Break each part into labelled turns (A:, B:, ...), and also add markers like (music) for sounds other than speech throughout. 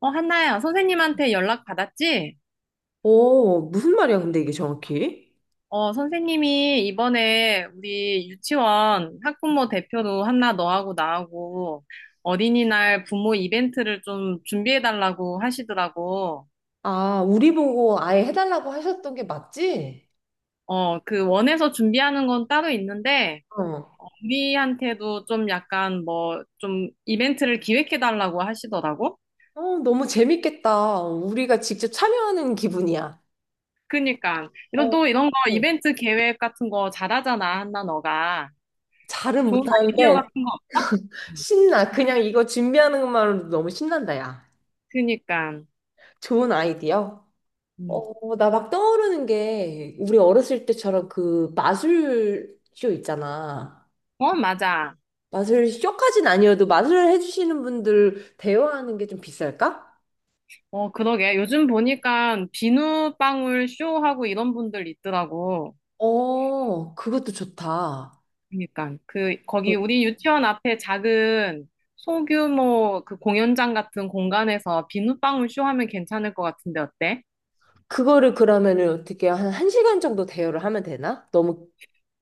A: 한나야, 선생님한테 연락 받았지?
B: 어, 무슨 말이야, 근데 이게 정확히?
A: 어, 선생님이 이번에 우리 유치원 학부모 대표로 한나 너하고 나하고 어린이날 부모 이벤트를 좀 준비해달라고 하시더라고.
B: 아, 우리 보고 아예 해달라고 하셨던 게 맞지?
A: 어, 그 원에서 준비하는 건 따로 있는데,
B: 어.
A: 우리한테도 좀 약간 뭐 좀 이벤트를 기획해달라고 하시더라고.
B: 어, 너무 재밌겠다. 우리가 직접 참여하는 기분이야.
A: 그니까, 이런
B: 어.
A: 또 이런 거 이벤트 계획 같은 거 잘하잖아, 한나 너가.
B: 잘은
A: 좋은 아이디어
B: 못하는데
A: 같은 거 없어?
B: 신나. 그냥 이거 준비하는 것만으로도 너무 신난다, 야.
A: 그니까.
B: 좋은 아이디어.
A: 음.
B: 어, 나 막 떠오르는 게 우리 어렸을 때처럼 그 마술쇼 있잖아.
A: 어, 맞아.
B: 마술쇼까진 아니어도 마술을 해주시는 분들 대여하는 게 좀 비쌀까?
A: 어, 그러게. 요즘 보니까 비누방울 쇼하고 이런 분들 있더라고.
B: 어, 그것도 좋다.
A: 그러니까 그
B: 어,
A: 거기 우리 유치원 앞에 작은 소규모 그 공연장 같은 공간에서 비누방울 쇼 하면 괜찮을 것 같은데 어때?
B: 그거를 그러면은 어떻게 한 1시간 정도 대여를 하면 되나? 너무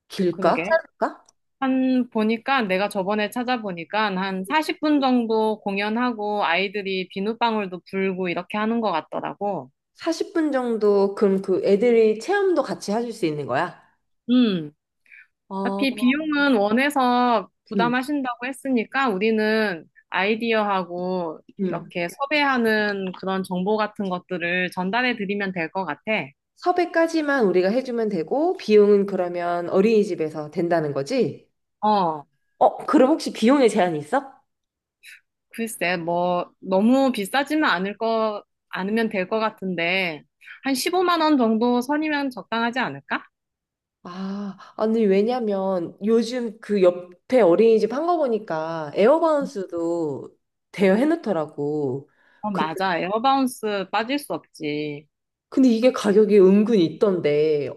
B: 길까?
A: 그러게.
B: 짧을까?
A: 한 보니까 내가 저번에 찾아보니까 한 40분 정도 공연하고 아이들이 비누방울도 불고 이렇게 하는 것 같더라고.
B: 40분 정도, 그럼 그 애들이 체험도 같이 해줄 수 있는 거야? 어,
A: 어차피 비용은 원해서
B: 음,
A: 부담하신다고 했으니까 우리는 아이디어하고
B: 음.
A: 이렇게 섭외하는 그런 정보 같은 것들을 전달해 드리면 될 것 같아.
B: 섭외까지만 우리가 해주면 되고, 비용은 그러면 어린이집에서 된다는 거지?
A: 어,
B: 어, 그럼 혹시 비용에 제한이 있어?
A: 글쎄, 뭐, 너무 비싸지만 않을 거, 않으면 될 것 같은데, 한 15만 원 정도 선이면 적당하지 않을까?
B: 아, 아니, 왜냐면 요즘 그 옆에 어린이집 한 거 보니까 에어바운스도 대여해놓더라고.
A: 어, 맞아. 에어바운스 빠질 수 없지.
B: 근데 이게 가격이 은근히 있던데,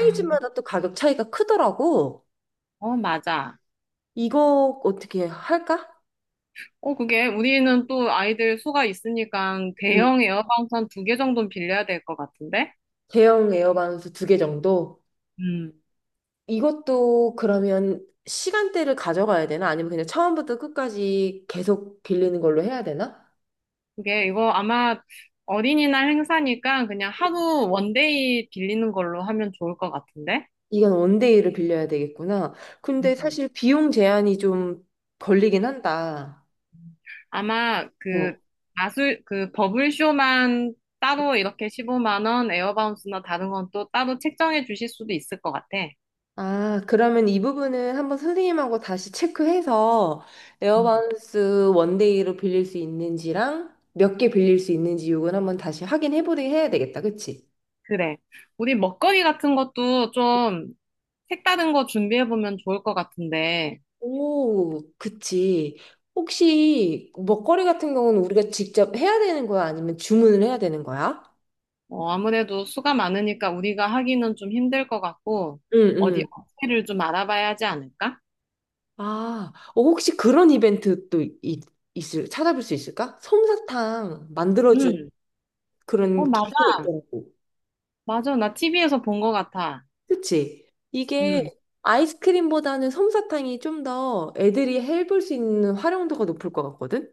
A: 음.
B: 또 가격 차이가 크더라고.
A: 어, 맞아.
B: 이거 어떻게 할까?
A: 어, 그게 우리는 또 아이들 수가 있으니까
B: 응.
A: 대형 에어컨 두 개 정도는 빌려야 될 것 같은데?
B: 대형 에어반스 두 개 정도?
A: 음.
B: 이것도 그러면 시간대를 가져가야 되나? 아니면 그냥 처음부터 끝까지 계속 빌리는 걸로 해야 되나?
A: 그게 이거 아마 어린이날 행사니까 그냥 하루 원데이 빌리는 걸로 하면 좋을 것 같은데?
B: 이건 원데이를 빌려야 되겠구나. 근데
A: 음.
B: 사실 비용 제한이 좀 걸리긴 한다.
A: 아마 그 마술, 그 버블쇼만 따로 이렇게 15만 원, 에어바운스나 다른 건 또 따로 책정해 주실 수도 있을 것 같아.
B: 아, 그러면 이 부분은 한번 선생님하고 다시 체크해서 에어바운스 원데이로 빌릴 수 있는지랑 몇 개 빌릴 수 있는지 요건 한번 다시 확인해 보게 해야 되겠다. 그치?
A: 그래. 우리 먹거리 같은 것도 좀 색다른 거 준비해보면 좋을 것 같은데,
B: 오, 그치. 혹시 먹거리 같은 경우는 우리가 직접 해야 되는 거야? 아니면 주문을 해야 되는 거야?
A: 어, 아무래도 수가 많으니까 우리가 하기는 좀 힘들 것 같고,
B: 응,
A: 어디
B: 응.
A: 업체를 좀 알아봐야 하지 않을까?
B: 아, 어, 혹시 그런 이벤트 또 있을, 찾아볼 수 있을까? 솜사탕 만들어준
A: 음. 어,
B: 그런
A: 맞아.
B: 기계 있더라고.
A: 맞아. 나 TV에서 본 것 같아.
B: 그치?
A: 음.
B: 이게 아이스크림보다는 솜사탕이 좀 더 애들이 해볼 수 있는 활용도가 높을 것 같거든?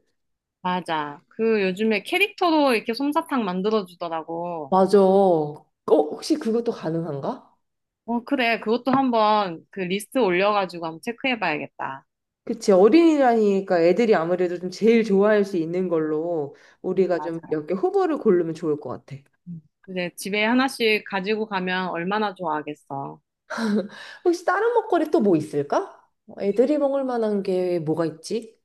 A: 맞아. 그 요즘에 캐릭터로 이렇게 솜사탕 만들어주더라고.
B: 맞아. 어, 혹시 그것도 가능한가?
A: 어, 그래. 그것도 한번 그 리스트 올려가지고 한번 체크해봐야겠다.
B: 그치. 어린이라니까 애들이 아무래도 좀 제일 좋아할 수 있는 걸로 우리가
A: 맞아.
B: 좀 몇 개 후보를 고르면 좋을 것 같아.
A: 음. 이제 집에 하나씩 가지고 가면 얼마나 좋아하겠어.
B: 혹시 다른 먹거리 또 뭐 있을까? 애들이 먹을 만한 게 뭐가 있지?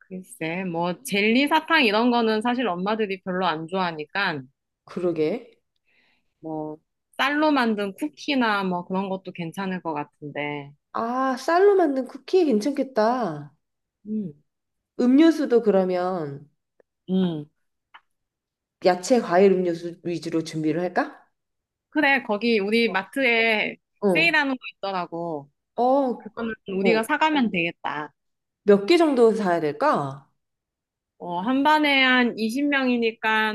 A: 글쎄, 뭐, 젤리 사탕 이런 거는 사실 엄마들이 별로 안 좋아하니까,
B: 그러게.
A: 뭐, 쌀로 만든 쿠키나 뭐 그런 것도 괜찮을 것 같은데.
B: 아, 쌀로 만든 쿠키 괜찮겠다.
A: 음,
B: 음료수도 그러면
A: 음.
B: 야채, 과일, 음료수 위주로 준비를 할까?
A: 그래, 거기 우리 마트에
B: 어,
A: 세일하는 거 있더라고.
B: 어,
A: 그거는
B: 어.
A: 우리가 사가면 되겠다.
B: 몇 개 정도 사야 될까?
A: 어, 한 반에 한 20명이니까,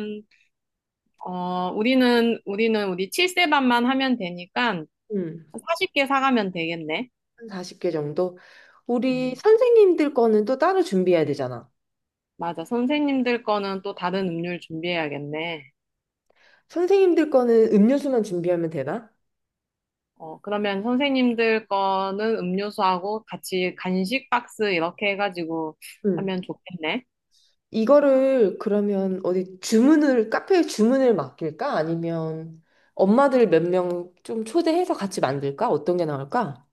A: 우리는 우리 7세 반만 하면 되니까
B: 음,
A: 40개 사가면 되겠네.
B: 한 40개 정도. 우리
A: 음,
B: 선생님들 거는 또 따로 준비해야 되잖아.
A: 맞아. 선생님들 거는 또 다른 음료를 준비해야겠네.
B: 선생님들 거는 음료수만 준비하면 되나?
A: 어, 그러면 선생님들 거는 음료수하고 같이 간식 박스 이렇게 해가지고
B: 음,
A: 하면 좋겠네.
B: 이거를 그러면 어디 주문을, 카페에 주문을 맡길까? 아니면 엄마들 몇 명 좀 초대해서 같이 만들까? 어떤 게 나을까?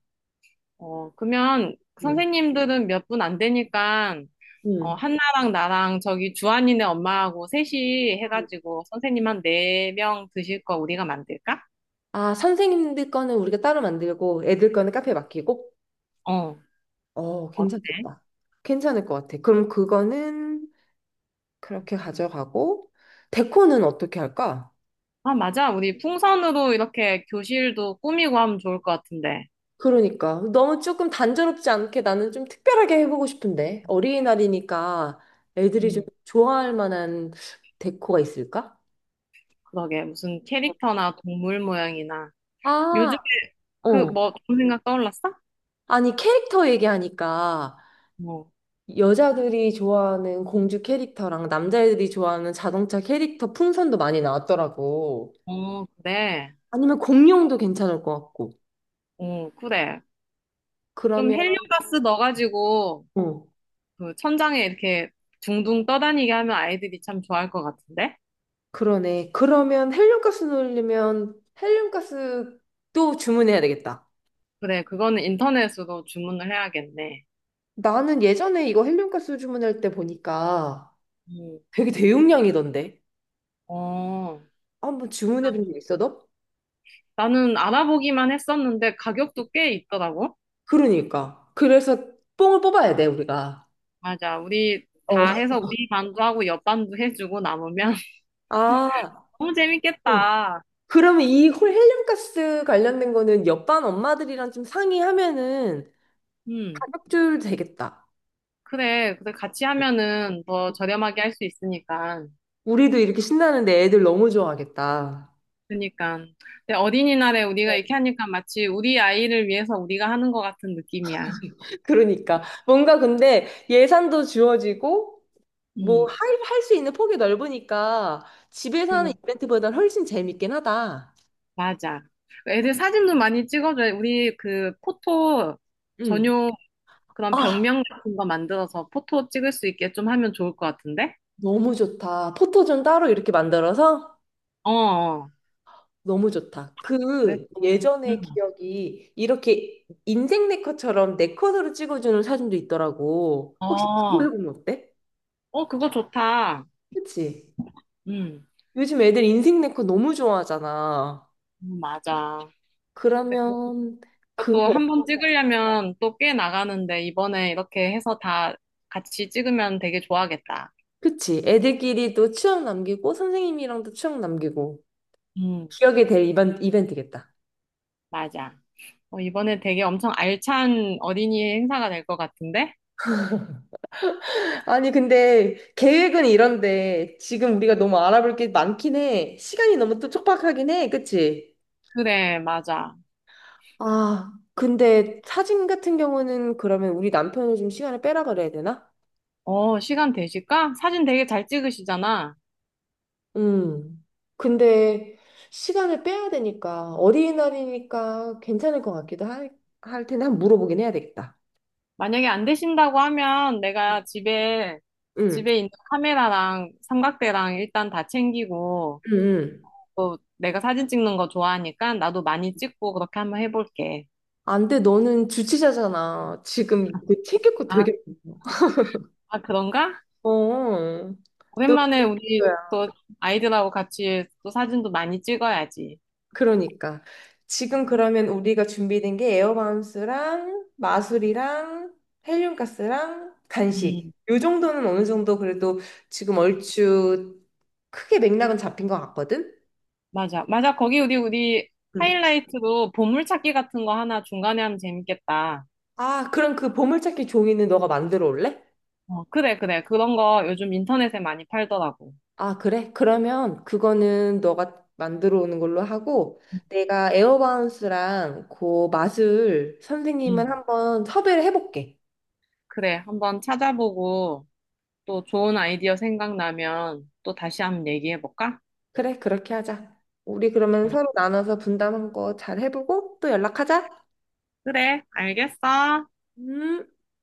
A: 어, 그러면
B: 음.
A: 선생님들은 몇 분 안 되니까, 어,
B: 음.
A: 한나랑 나랑 저기 주한이네 엄마하고 셋이 해가지고 선생님 한 네 명 드실 거 우리가 만들까?
B: 아, 선생님들 거는 우리가 따로 만들고 애들 거는 카페에 맡기고?
A: 어,
B: 어,
A: 어때?
B: 괜찮겠다. 괜찮을 것 같아. 그럼 그거는 그렇게 가져가고, 데코는 어떻게 할까?
A: 아, 맞아. 우리 풍선으로 이렇게 교실도 꾸미고 하면 좋을 것 같은데.
B: 그러니까. 너무 조금 단조롭지 않게 나는 좀 특별하게 해보고 싶은데. 어린이날이니까 애들이 좀
A: 음,
B: 좋아할 만한 데코가 있을까?
A: 그러게. 무슨 캐릭터나 동물 모양이나.
B: 아,
A: 요즘에 그
B: 어.
A: 뭐 좋은 생각 떠올랐어?
B: 아니, 캐릭터 얘기하니까
A: 어,
B: 여자들이 좋아하는 공주 캐릭터랑 남자애들이 좋아하는 자동차 캐릭터 풍선도 많이 나왔더라고.
A: 어, 그래.
B: 아니면 공룡도 괜찮을 것 같고.
A: 어, 그래. 좀
B: 그러면,
A: 헬륨가스 넣어가지고,
B: 어.
A: 그 천장에 이렇게 둥둥 떠다니게 하면 아이들이 참 좋아할 것 같은데?
B: 그러네. 그러면 헬륨가스 넣으려면 헬륨가스도 주문해야 되겠다.
A: 그래, 그거는 인터넷으로 주문을 해야겠네.
B: 나는 예전에 이거 헬륨가스 주문할 때 보니까
A: 음,
B: 되게 대용량이던데.
A: 어,
B: 한번 주문해 본 적 있어, 너?
A: 나는 알아보기만 했었는데 가격도 꽤 있더라고.
B: 그러니까. 그래서 뽕을 뽑아야 돼, 우리가.
A: 맞아. 우리
B: 어.
A: 다 해서 우리 반도 하고 옆 반도 해주고 남으면 (laughs)
B: 아,
A: 너무
B: 어.
A: 재밌겠다.
B: 그러면 이 헬륨가스 관련된 거는 옆반 엄마들이랑 좀 상의하면은
A: 음,
B: 가격 조율 되겠다.
A: 그래. 그래. 같이 하면은 더 저렴하게 할 수 있으니까.
B: 우리도 이렇게 신나는데 애들 너무 좋아하겠다.
A: 그니까. 근데 어린이날에 우리가 이렇게 하니까 마치 우리 아이를 위해서 우리가 하는 것 같은 느낌이야.
B: 그러니까 뭔가 근데 예산도 주어지고 뭐
A: 음.
B: 할 수 있는 폭이 넓으니까 집에서 하는
A: 그니
B: 이벤트보다 훨씬 재밌긴 하다.
A: 맞아. 애들 사진도 많이 찍어줘요. 우리 그 포토
B: 응.
A: 전용 그런
B: 아,
A: 벽면 같은 거 만들어서 포토 찍을 수 있게 좀 하면 좋을 것 같은데?
B: 너무 좋다. 포토존 따로 이렇게 만들어서
A: 어, 어.
B: 너무 좋다.
A: 그래.
B: 그
A: 음.
B: 예전의 기억이 이렇게 인생 네컷처럼 네컷으로 찍어주는 사진도 있더라고. 혹시
A: 어.
B: 그걸 보면 어때?
A: 어, 그거 좋다.
B: 그치?
A: 음.
B: 요즘 애들 인생 네컷 너무 좋아하잖아.
A: 맞아. 근데 그-
B: 그러면
A: 그것도
B: 그거
A: 한번 찍으려면 또 꽤 나가는데 이번에 이렇게 해서 다 같이 찍으면 되게 좋아하겠다.
B: 그치. 애들끼리 도 추억 남기고, 선생님이랑도 추억 남기고,
A: 음.
B: 기억에 될 이벤트겠다.
A: 맞아. 어, 이번에 되게 엄청 알찬 어린이 행사가 될 것 같은데?
B: 아니, 근데 계획은 이런데, 지금 우리가 너무 알아볼 게 많긴 해. 시간이 너무 또 촉박하긴 해. 그치?
A: 그래, 맞아.
B: 아, 근데 사진 같은 경우는 그러면 우리 남편을 좀 시간을 빼라 그래야 되나?
A: 어, 시간 되실까? 사진 되게 잘 찍으시잖아.
B: 음. 근데 시간을 빼야 되니까, 어린이날이니까 괜찮을 것 같기도 할 텐데, 한번 물어보긴 해야 되겠다.
A: 만약에 안 되신다고 하면 내가 집에,
B: 응,
A: 집에 있는 카메라랑 삼각대랑 일단 다 챙기고,
B: 응, 응.
A: 또 내가 사진 찍는 거 좋아하니까 나도 많이 찍고 그렇게 한번 해볼게.
B: 안 돼, 너는 주치자잖아. 지금 이거 챙길 거
A: 아,
B: 되게 많아.
A: 아, 그런가?
B: 어, 너
A: 오랜만에 우리
B: 뭐야?
A: 또 아이들하고 같이 또 사진도 많이 찍어야지.
B: 그러니까. 지금 그러면 우리가 준비된 게 에어바운스랑 마술이랑 헬륨가스랑
A: 음.
B: 간식. 요 정도는 어느 정도 그래도 지금 얼추 크게 맥락은 잡힌 것 같거든?
A: 맞아. 맞아. 거기 우리
B: 응.
A: 하이라이트로 보물찾기 같은 거 하나 중간에 하면 재밌겠다.
B: 아, 그럼 그 보물찾기 종이는 너가 만들어 올래?
A: 어, 그래, 그래. 그런 거 요즘 인터넷에 많이 팔더라고.
B: 아, 그래? 그러면 그거는 너가 만들어 오는 걸로 하고 내가 에어바운스랑 그 맛을 선생님은
A: 음.
B: 한번 섭외를 해볼게.
A: 그래. 한번 찾아보고 또 좋은 아이디어 생각나면 또 다시 한번 얘기해볼까?
B: 그래, 그렇게 하자. 우리 그러면 서로 나눠서 분담한 거 잘 해보고 또 연락하자.
A: 그래. 알겠어.
B: 음.